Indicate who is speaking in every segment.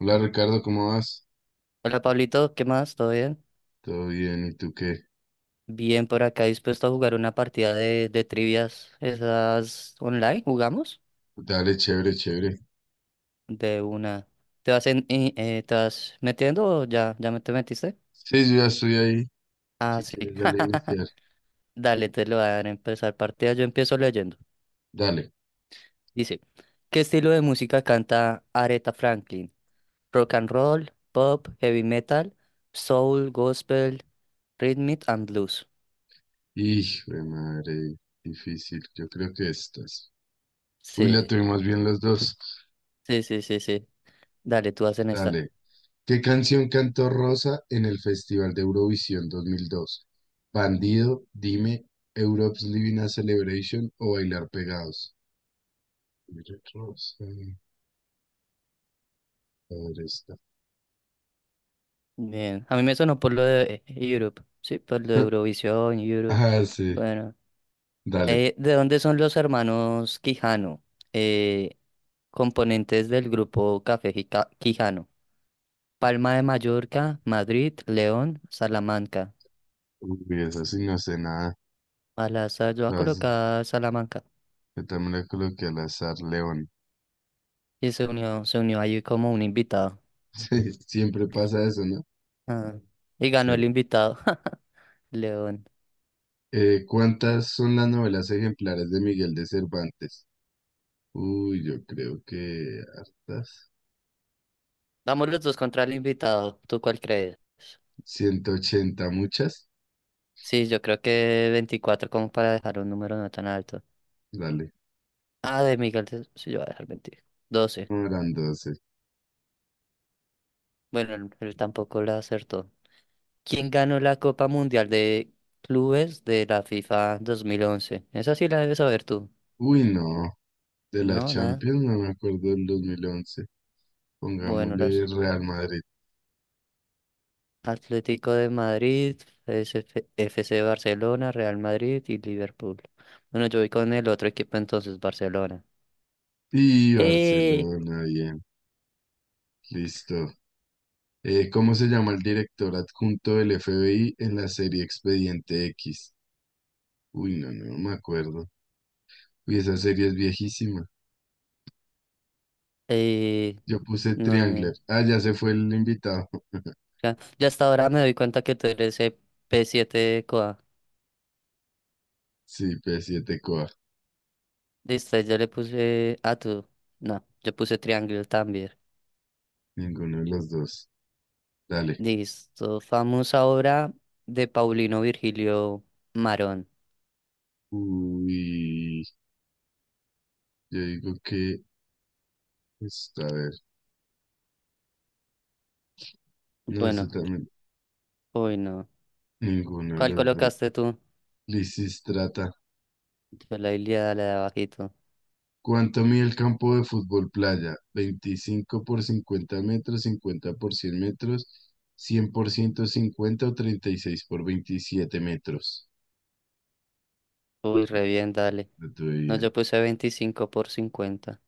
Speaker 1: Hola Ricardo, ¿cómo vas?
Speaker 2: Hola Pablito, ¿qué más? ¿Todo bien?
Speaker 1: Todo bien, ¿y tú qué?
Speaker 2: Bien por acá, dispuesto a jugar una partida de trivias. ¿Esas online? ¿Jugamos?
Speaker 1: Dale, chévere, chévere.
Speaker 2: De una. ¿Te vas metiendo o ya me te metiste?
Speaker 1: Sí, yo ya estoy ahí.
Speaker 2: Ah,
Speaker 1: Si
Speaker 2: sí.
Speaker 1: quieres, dale a iniciar.
Speaker 2: Dale, te lo voy a dar a empezar partida. Yo empiezo leyendo.
Speaker 1: Dale.
Speaker 2: Dice, ¿qué estilo de música canta Aretha Franklin? Rock and roll, pop, heavy metal, soul, gospel, rhythm and blues.
Speaker 1: Hijo de madre, difícil. Yo creo que estas. Uy, la
Speaker 2: Sí,
Speaker 1: tuvimos bien los dos.
Speaker 2: sí, sí, sí, sí. Dale, tú hacen esta.
Speaker 1: Dale. ¿Qué canción cantó Rosa en el Festival de Eurovisión 2002? Bandido, Dime, Europe's Living a Celebration o Bailar Pegados. Mira, Rosa, padre está.
Speaker 2: Bien, a mí me sonó por lo de Europe, sí, por lo de Eurovisión, Europe.
Speaker 1: Ah, sí,
Speaker 2: Bueno,
Speaker 1: dale.
Speaker 2: ¿de dónde son los hermanos Quijano? Eh, Componentes del grupo Café Quijano. Palma de Mallorca, Madrid, León, Salamanca.
Speaker 1: Uy, eso sí no sé nada.
Speaker 2: Al azar yo voy a
Speaker 1: Lo has-
Speaker 2: colocar Salamanca.
Speaker 1: yo también le coloqué al azar León.
Speaker 2: Y se unió ahí como un invitado.
Speaker 1: Sí, siempre pasa eso, ¿no?
Speaker 2: Ah, y
Speaker 1: Sí.
Speaker 2: ganó el invitado, León.
Speaker 1: ¿Cuántas son las novelas ejemplares de Miguel de Cervantes? Uy, yo creo que hartas.
Speaker 2: Vamos los dos contra el invitado, ¿tú cuál crees?
Speaker 1: 180 muchas.
Speaker 2: Sí, yo creo que 24 como para dejar un número no tan alto.
Speaker 1: Dale,
Speaker 2: Ah, de Miguel, sí, yo voy a dejar mentir. 12.
Speaker 1: no eran 12.
Speaker 2: Bueno, él tampoco la acertó. ¿Quién ganó la Copa Mundial de Clubes de la FIFA 2011? Esa sí la debes saber tú.
Speaker 1: Uy, no. De la
Speaker 2: No, nada.
Speaker 1: Champions no me acuerdo del 2011,
Speaker 2: Bueno,
Speaker 1: pongámosle
Speaker 2: los
Speaker 1: Real Madrid
Speaker 2: Atlético de Madrid, SF F C. Barcelona, Real Madrid y Liverpool. Bueno, yo voy con el otro equipo entonces, Barcelona.
Speaker 1: y
Speaker 2: Eh,
Speaker 1: Barcelona, bien. Listo. ¿Cómo se llama el director adjunto del FBI en la serie Expediente X? Uy, no, no, no me acuerdo. Uy, esa serie es viejísima.
Speaker 2: eh,
Speaker 1: Yo puse
Speaker 2: no,
Speaker 1: Triangler. Ah, ya se fue el invitado.
Speaker 2: ya hasta ahora me doy cuenta que tú eres el P7 COA.
Speaker 1: Sí, P7 Coa.
Speaker 2: Listo, yo le puse a tú. No, yo puse triángulo también.
Speaker 1: Ninguno de los dos. Dale.
Speaker 2: Listo. Famosa obra de Paulino Virgilio Marón.
Speaker 1: Uy, yo digo que está a ver. No, ese
Speaker 2: Bueno,
Speaker 1: también.
Speaker 2: uy, no.
Speaker 1: Ninguno de
Speaker 2: ¿Cuál
Speaker 1: los dos.
Speaker 2: colocaste tú?
Speaker 1: Lisistrata.
Speaker 2: Yo la Ilíada, la de abajito.
Speaker 1: ¿Cuánto mide el campo de fútbol playa? 25 por 50 metros, 50 por 100 metros, 100 por 150 o 36 por 27 metros.
Speaker 2: Uy, re bien, dale.
Speaker 1: No tuve
Speaker 2: No,
Speaker 1: idea.
Speaker 2: yo puse 25 por 50.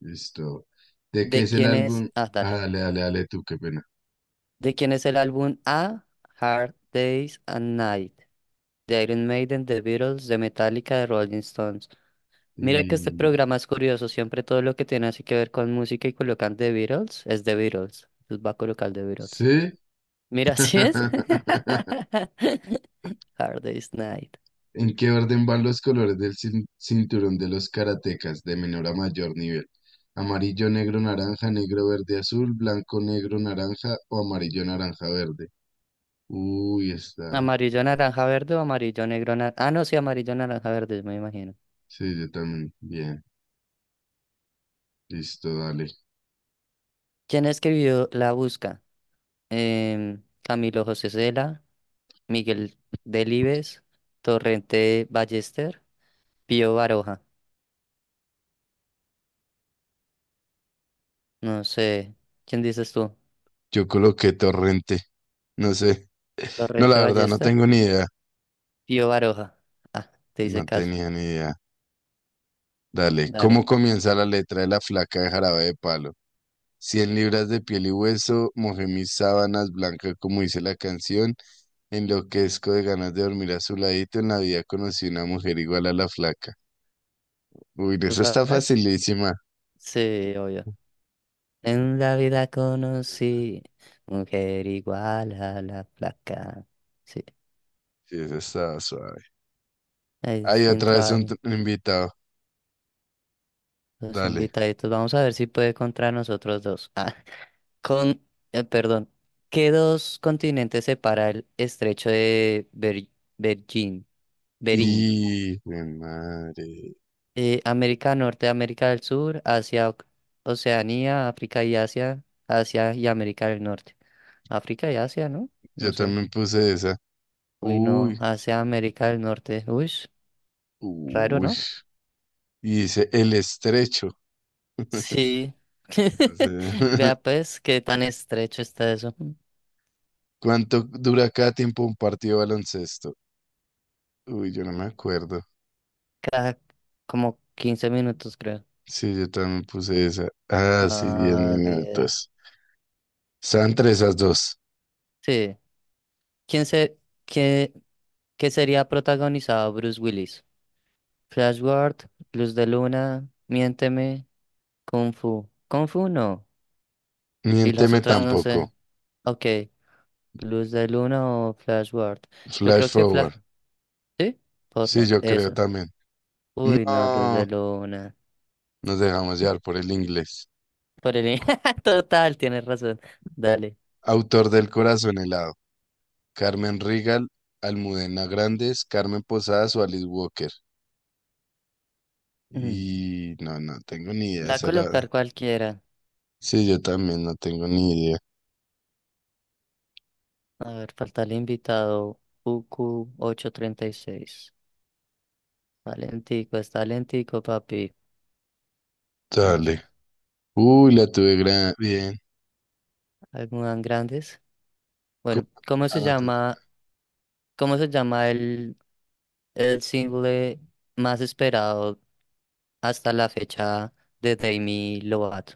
Speaker 1: Listo. ¿De qué
Speaker 2: ¿De
Speaker 1: es el
Speaker 2: quién es?
Speaker 1: álbum?
Speaker 2: Ah,
Speaker 1: Ah,
Speaker 2: dale.
Speaker 1: dale, dale, dale tú, qué pena.
Speaker 2: ¿De quién es el álbum A? Hard Days and Night. De Iron Maiden, The Beatles, de Metallica, de Rolling Stones. Mira que este
Speaker 1: Y...
Speaker 2: programa es curioso, siempre todo lo que tiene así que ver con música y colocan The Beatles, es The Beatles. Entonces va a colocar The Beatles.
Speaker 1: ¿Sí?
Speaker 2: Mira, así es. Hard Day's Night.
Speaker 1: ¿En qué orden van los colores del cinturón de los karatecas de menor a mayor nivel? Amarillo, negro, naranja, negro, verde, azul, blanco, negro, naranja o amarillo, naranja, verde. Uy, está.
Speaker 2: Amarillo, naranja, verde o amarillo, negro, naranja. Ah, no, sí, amarillo, naranja, verde, me imagino.
Speaker 1: Sí, yo también. Bien, listo, dale.
Speaker 2: ¿Quién escribió La Busca? Camilo José Cela, Miguel Delibes, Torrente Ballester, Pío Baroja. No sé. ¿Quién dices tú?
Speaker 1: Yo coloqué torrente. No sé. No, la
Speaker 2: ¿Torrente
Speaker 1: verdad, no
Speaker 2: Ballester?
Speaker 1: tengo ni idea.
Speaker 2: Pío Baroja. Ah, te hice
Speaker 1: No
Speaker 2: caso.
Speaker 1: tenía ni idea. Dale, ¿cómo
Speaker 2: Dale,
Speaker 1: comienza la letra de la flaca de Jarabe de Palo? 100 libras de piel y hueso, mojé mis sábanas blancas como dice la canción, enloquezco de ganas de dormir a su ladito, en la vida conocí una mujer igual a la flaca. Uy,
Speaker 2: ¿tú
Speaker 1: eso está
Speaker 2: sabes?
Speaker 1: facilísima.
Speaker 2: Sí, obvio. En la vida conocí mujer igual a la placa. Sí,
Speaker 1: Sí, eso está suave.
Speaker 2: ahí
Speaker 1: Hay otra
Speaker 2: entró
Speaker 1: vez un t-
Speaker 2: alguien.
Speaker 1: invitado.
Speaker 2: Los
Speaker 1: Dale.
Speaker 2: invitaditos. Vamos a ver si puede contra nosotros dos. Ah, con, perdón. ¿Qué dos continentes separa el estrecho de Bergin- Berín?
Speaker 1: Y, de madre.
Speaker 2: América Norte, América del Sur, Asia, Oceanía, África y Asia, Asia y América del Norte. África y Asia, ¿no?
Speaker 1: Yo
Speaker 2: No sé.
Speaker 1: también puse esa.
Speaker 2: Uy, no,
Speaker 1: Uy,
Speaker 2: hacia América del Norte. Uy, raro,
Speaker 1: uy.
Speaker 2: ¿no?
Speaker 1: Y dice, el estrecho.
Speaker 2: Sí.
Speaker 1: No sé.
Speaker 2: Vea pues qué tan estrecho está eso.
Speaker 1: ¿Cuánto dura cada tiempo un partido de baloncesto? Uy, yo no me acuerdo.
Speaker 2: Cada como 15 minutos, creo.
Speaker 1: Sí, yo también puse esa. Ah, sí, 10
Speaker 2: Ah, 10.
Speaker 1: minutos. Están entre esas dos.
Speaker 2: Sí. ¿Quién se, qué, qué sería protagonizado Bruce Willis? Flash Gordon, Luz de Luna, Miénteme, Kung Fu. Kung Fu no. Y las
Speaker 1: Miénteme
Speaker 2: otras no
Speaker 1: tampoco.
Speaker 2: sé. Ok. Luz de Luna o Flash Gordon. Yo
Speaker 1: Flash
Speaker 2: creo que Flash.
Speaker 1: forward.
Speaker 2: ¿Sí?
Speaker 1: Sí,
Speaker 2: Forward.
Speaker 1: yo creo
Speaker 2: Eso.
Speaker 1: también.
Speaker 2: Uy, no, Luz de
Speaker 1: No,
Speaker 2: Luna.
Speaker 1: nos dejamos llevar por el inglés.
Speaker 2: Por el. Total, tienes razón. Dale.
Speaker 1: Autor del Corazón helado. Carmen Rigal, Almudena Grandes, Carmen Posadas o Alice Walker.
Speaker 2: Mm.
Speaker 1: Y no, no tengo ni idea. De
Speaker 2: Va a
Speaker 1: esa la...
Speaker 2: colocar cualquiera.
Speaker 1: Sí, yo también no tengo ni idea.
Speaker 2: A ver, falta el invitado. UQ836. Está lentico, papi. Ah, ya.
Speaker 1: Dale. Uy, la tuve gran... bien.
Speaker 2: Algunas grandes.
Speaker 1: Cu-
Speaker 2: Bueno, ¿cómo
Speaker 1: ah,
Speaker 2: se
Speaker 1: no, te toca.
Speaker 2: llama, cómo se llama el single más esperado hasta la fecha de Demi Lovato?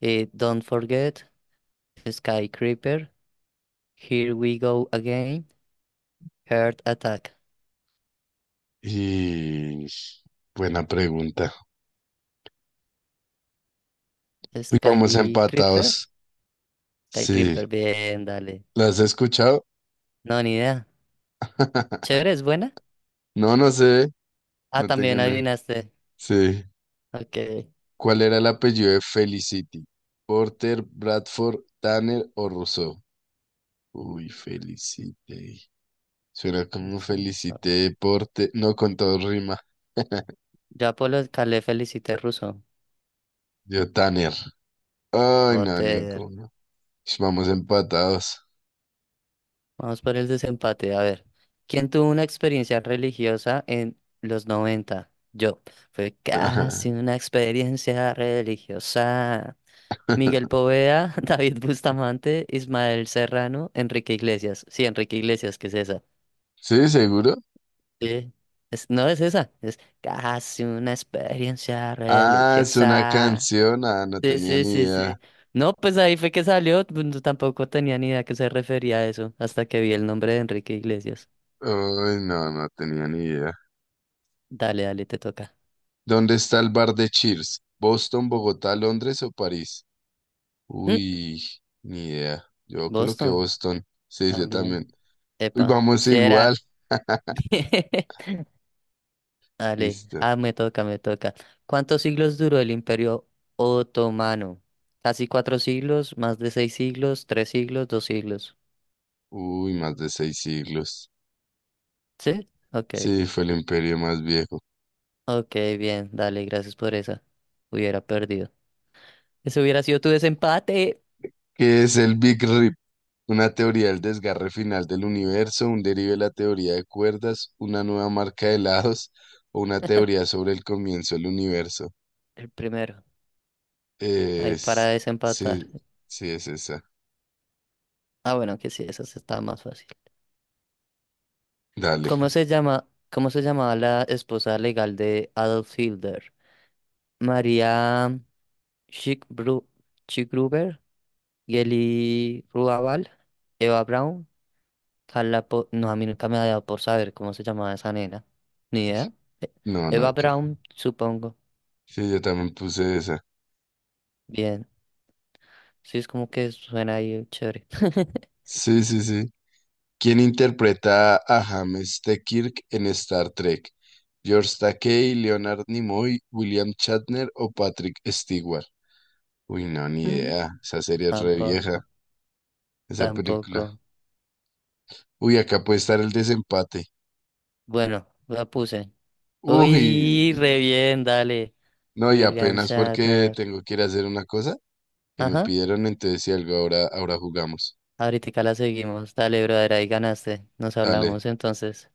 Speaker 2: Don't Forget, Sky Creeper, Here We Go Again, Heart Attack.
Speaker 1: Y buena pregunta. Uy, vamos
Speaker 2: Sky Creeper.
Speaker 1: empatados.
Speaker 2: Sky
Speaker 1: Sí,
Speaker 2: Creeper, bien, dale.
Speaker 1: ¿las has escuchado?
Speaker 2: No, ni idea. Chévere, es buena.
Speaker 1: No, no sé.
Speaker 2: Ah,
Speaker 1: No tengo
Speaker 2: también
Speaker 1: ni.
Speaker 2: adivinaste.
Speaker 1: Sí.
Speaker 2: Ok.
Speaker 1: ¿Cuál era el apellido de Felicity? ¿Porter, Bradford, Tanner o Rousseau? Uy, Felicity. Suena como
Speaker 2: Ruso.
Speaker 1: Felicity, Porter. No, con todo rima.
Speaker 2: Ya por Polo Calé felicité ruso.
Speaker 1: Yo, Tanner. Ay, no,
Speaker 2: Joder.
Speaker 1: ninguno. Ish, vamos empatados.
Speaker 2: Vamos por el desempate. A ver. ¿Quién tuvo una experiencia religiosa en los 90? Yo. Fue casi una experiencia religiosa. Miguel Poveda, David Bustamante, Ismael Serrano, Enrique Iglesias. Sí, Enrique Iglesias, ¿qué es esa?
Speaker 1: ¿Sí, seguro?
Speaker 2: Sí, no es esa, es casi una experiencia
Speaker 1: Ah, es una
Speaker 2: religiosa.
Speaker 1: canción. Ah, no
Speaker 2: Sí,
Speaker 1: tenía
Speaker 2: sí,
Speaker 1: ni
Speaker 2: sí,
Speaker 1: idea.
Speaker 2: sí. No, pues ahí fue que salió, pues, tampoco tenía ni idea a qué se refería a eso, hasta que vi el nombre de Enrique Iglesias.
Speaker 1: Uy, no, no tenía ni idea.
Speaker 2: Dale, dale, te toca.
Speaker 1: ¿Dónde está el bar de Cheers? ¿Boston, Bogotá, Londres o París?
Speaker 2: Mm,
Speaker 1: Uy, ni idea. Yo coloqué
Speaker 2: Boston,
Speaker 1: Boston. Sí, yo
Speaker 2: también.
Speaker 1: también. Uy,
Speaker 2: Epa,
Speaker 1: vamos
Speaker 2: si
Speaker 1: igual.
Speaker 2: era. Dale,
Speaker 1: Listo.
Speaker 2: ah, me toca, me toca. ¿Cuántos siglos duró el Imperio Otomano? Casi 4 siglos, más de 6 siglos, 3 siglos, 2 siglos.
Speaker 1: Uy, más de 6 siglos.
Speaker 2: ¿Sí? Ok.
Speaker 1: Sí, fue el imperio más viejo.
Speaker 2: Ok, bien, dale, gracias por esa. Hubiera perdido. Ese hubiera sido tu desempate.
Speaker 1: ¿Qué es el Big Rip? Una teoría del desgarre final del universo, un derive de la teoría de cuerdas, una nueva marca de lados o una teoría sobre el comienzo del universo.
Speaker 2: El primero. Ahí para
Speaker 1: Es... Sí,
Speaker 2: desempatar.
Speaker 1: sí, es esa.
Speaker 2: Ah, bueno, que sí, esa sí está más fácil.
Speaker 1: Dale.
Speaker 2: ¿Cómo se llamaba la esposa legal de Adolf Hitler? María Schickbru- Schickgruber, Geli Ruabal, Eva Braun, Carla. No, a mí nunca me ha dado por saber cómo se llamaba esa nena. Ni idea. E-
Speaker 1: No, no,
Speaker 2: Eva
Speaker 1: que...
Speaker 2: Braun, supongo.
Speaker 1: Sí, yo también puse esa.
Speaker 2: Bien. Sí, es como que suena ahí chévere.
Speaker 1: Sí, sí, sí. ¿Quién interpreta a James T. Kirk en Star Trek? ¿George Takei, Leonard Nimoy, William Shatner o Patrick Stewart? Uy, no, ni
Speaker 2: Mm,
Speaker 1: idea. Esa serie es re vieja,
Speaker 2: Tampoco,
Speaker 1: esa película.
Speaker 2: tampoco.
Speaker 1: Uy, acá puede estar el desempate.
Speaker 2: Bueno, la puse.
Speaker 1: Uy,
Speaker 2: Uy, re bien, dale.
Speaker 1: no, y
Speaker 2: William
Speaker 1: apenas porque
Speaker 2: Shatner.
Speaker 1: tengo que ir a hacer una cosa que me
Speaker 2: Ajá.
Speaker 1: pidieron, entonces si algo ahora, ahora jugamos.
Speaker 2: Ahorita la seguimos. Dale, brother, ahí ganaste. Nos
Speaker 1: Dale.
Speaker 2: hablamos entonces.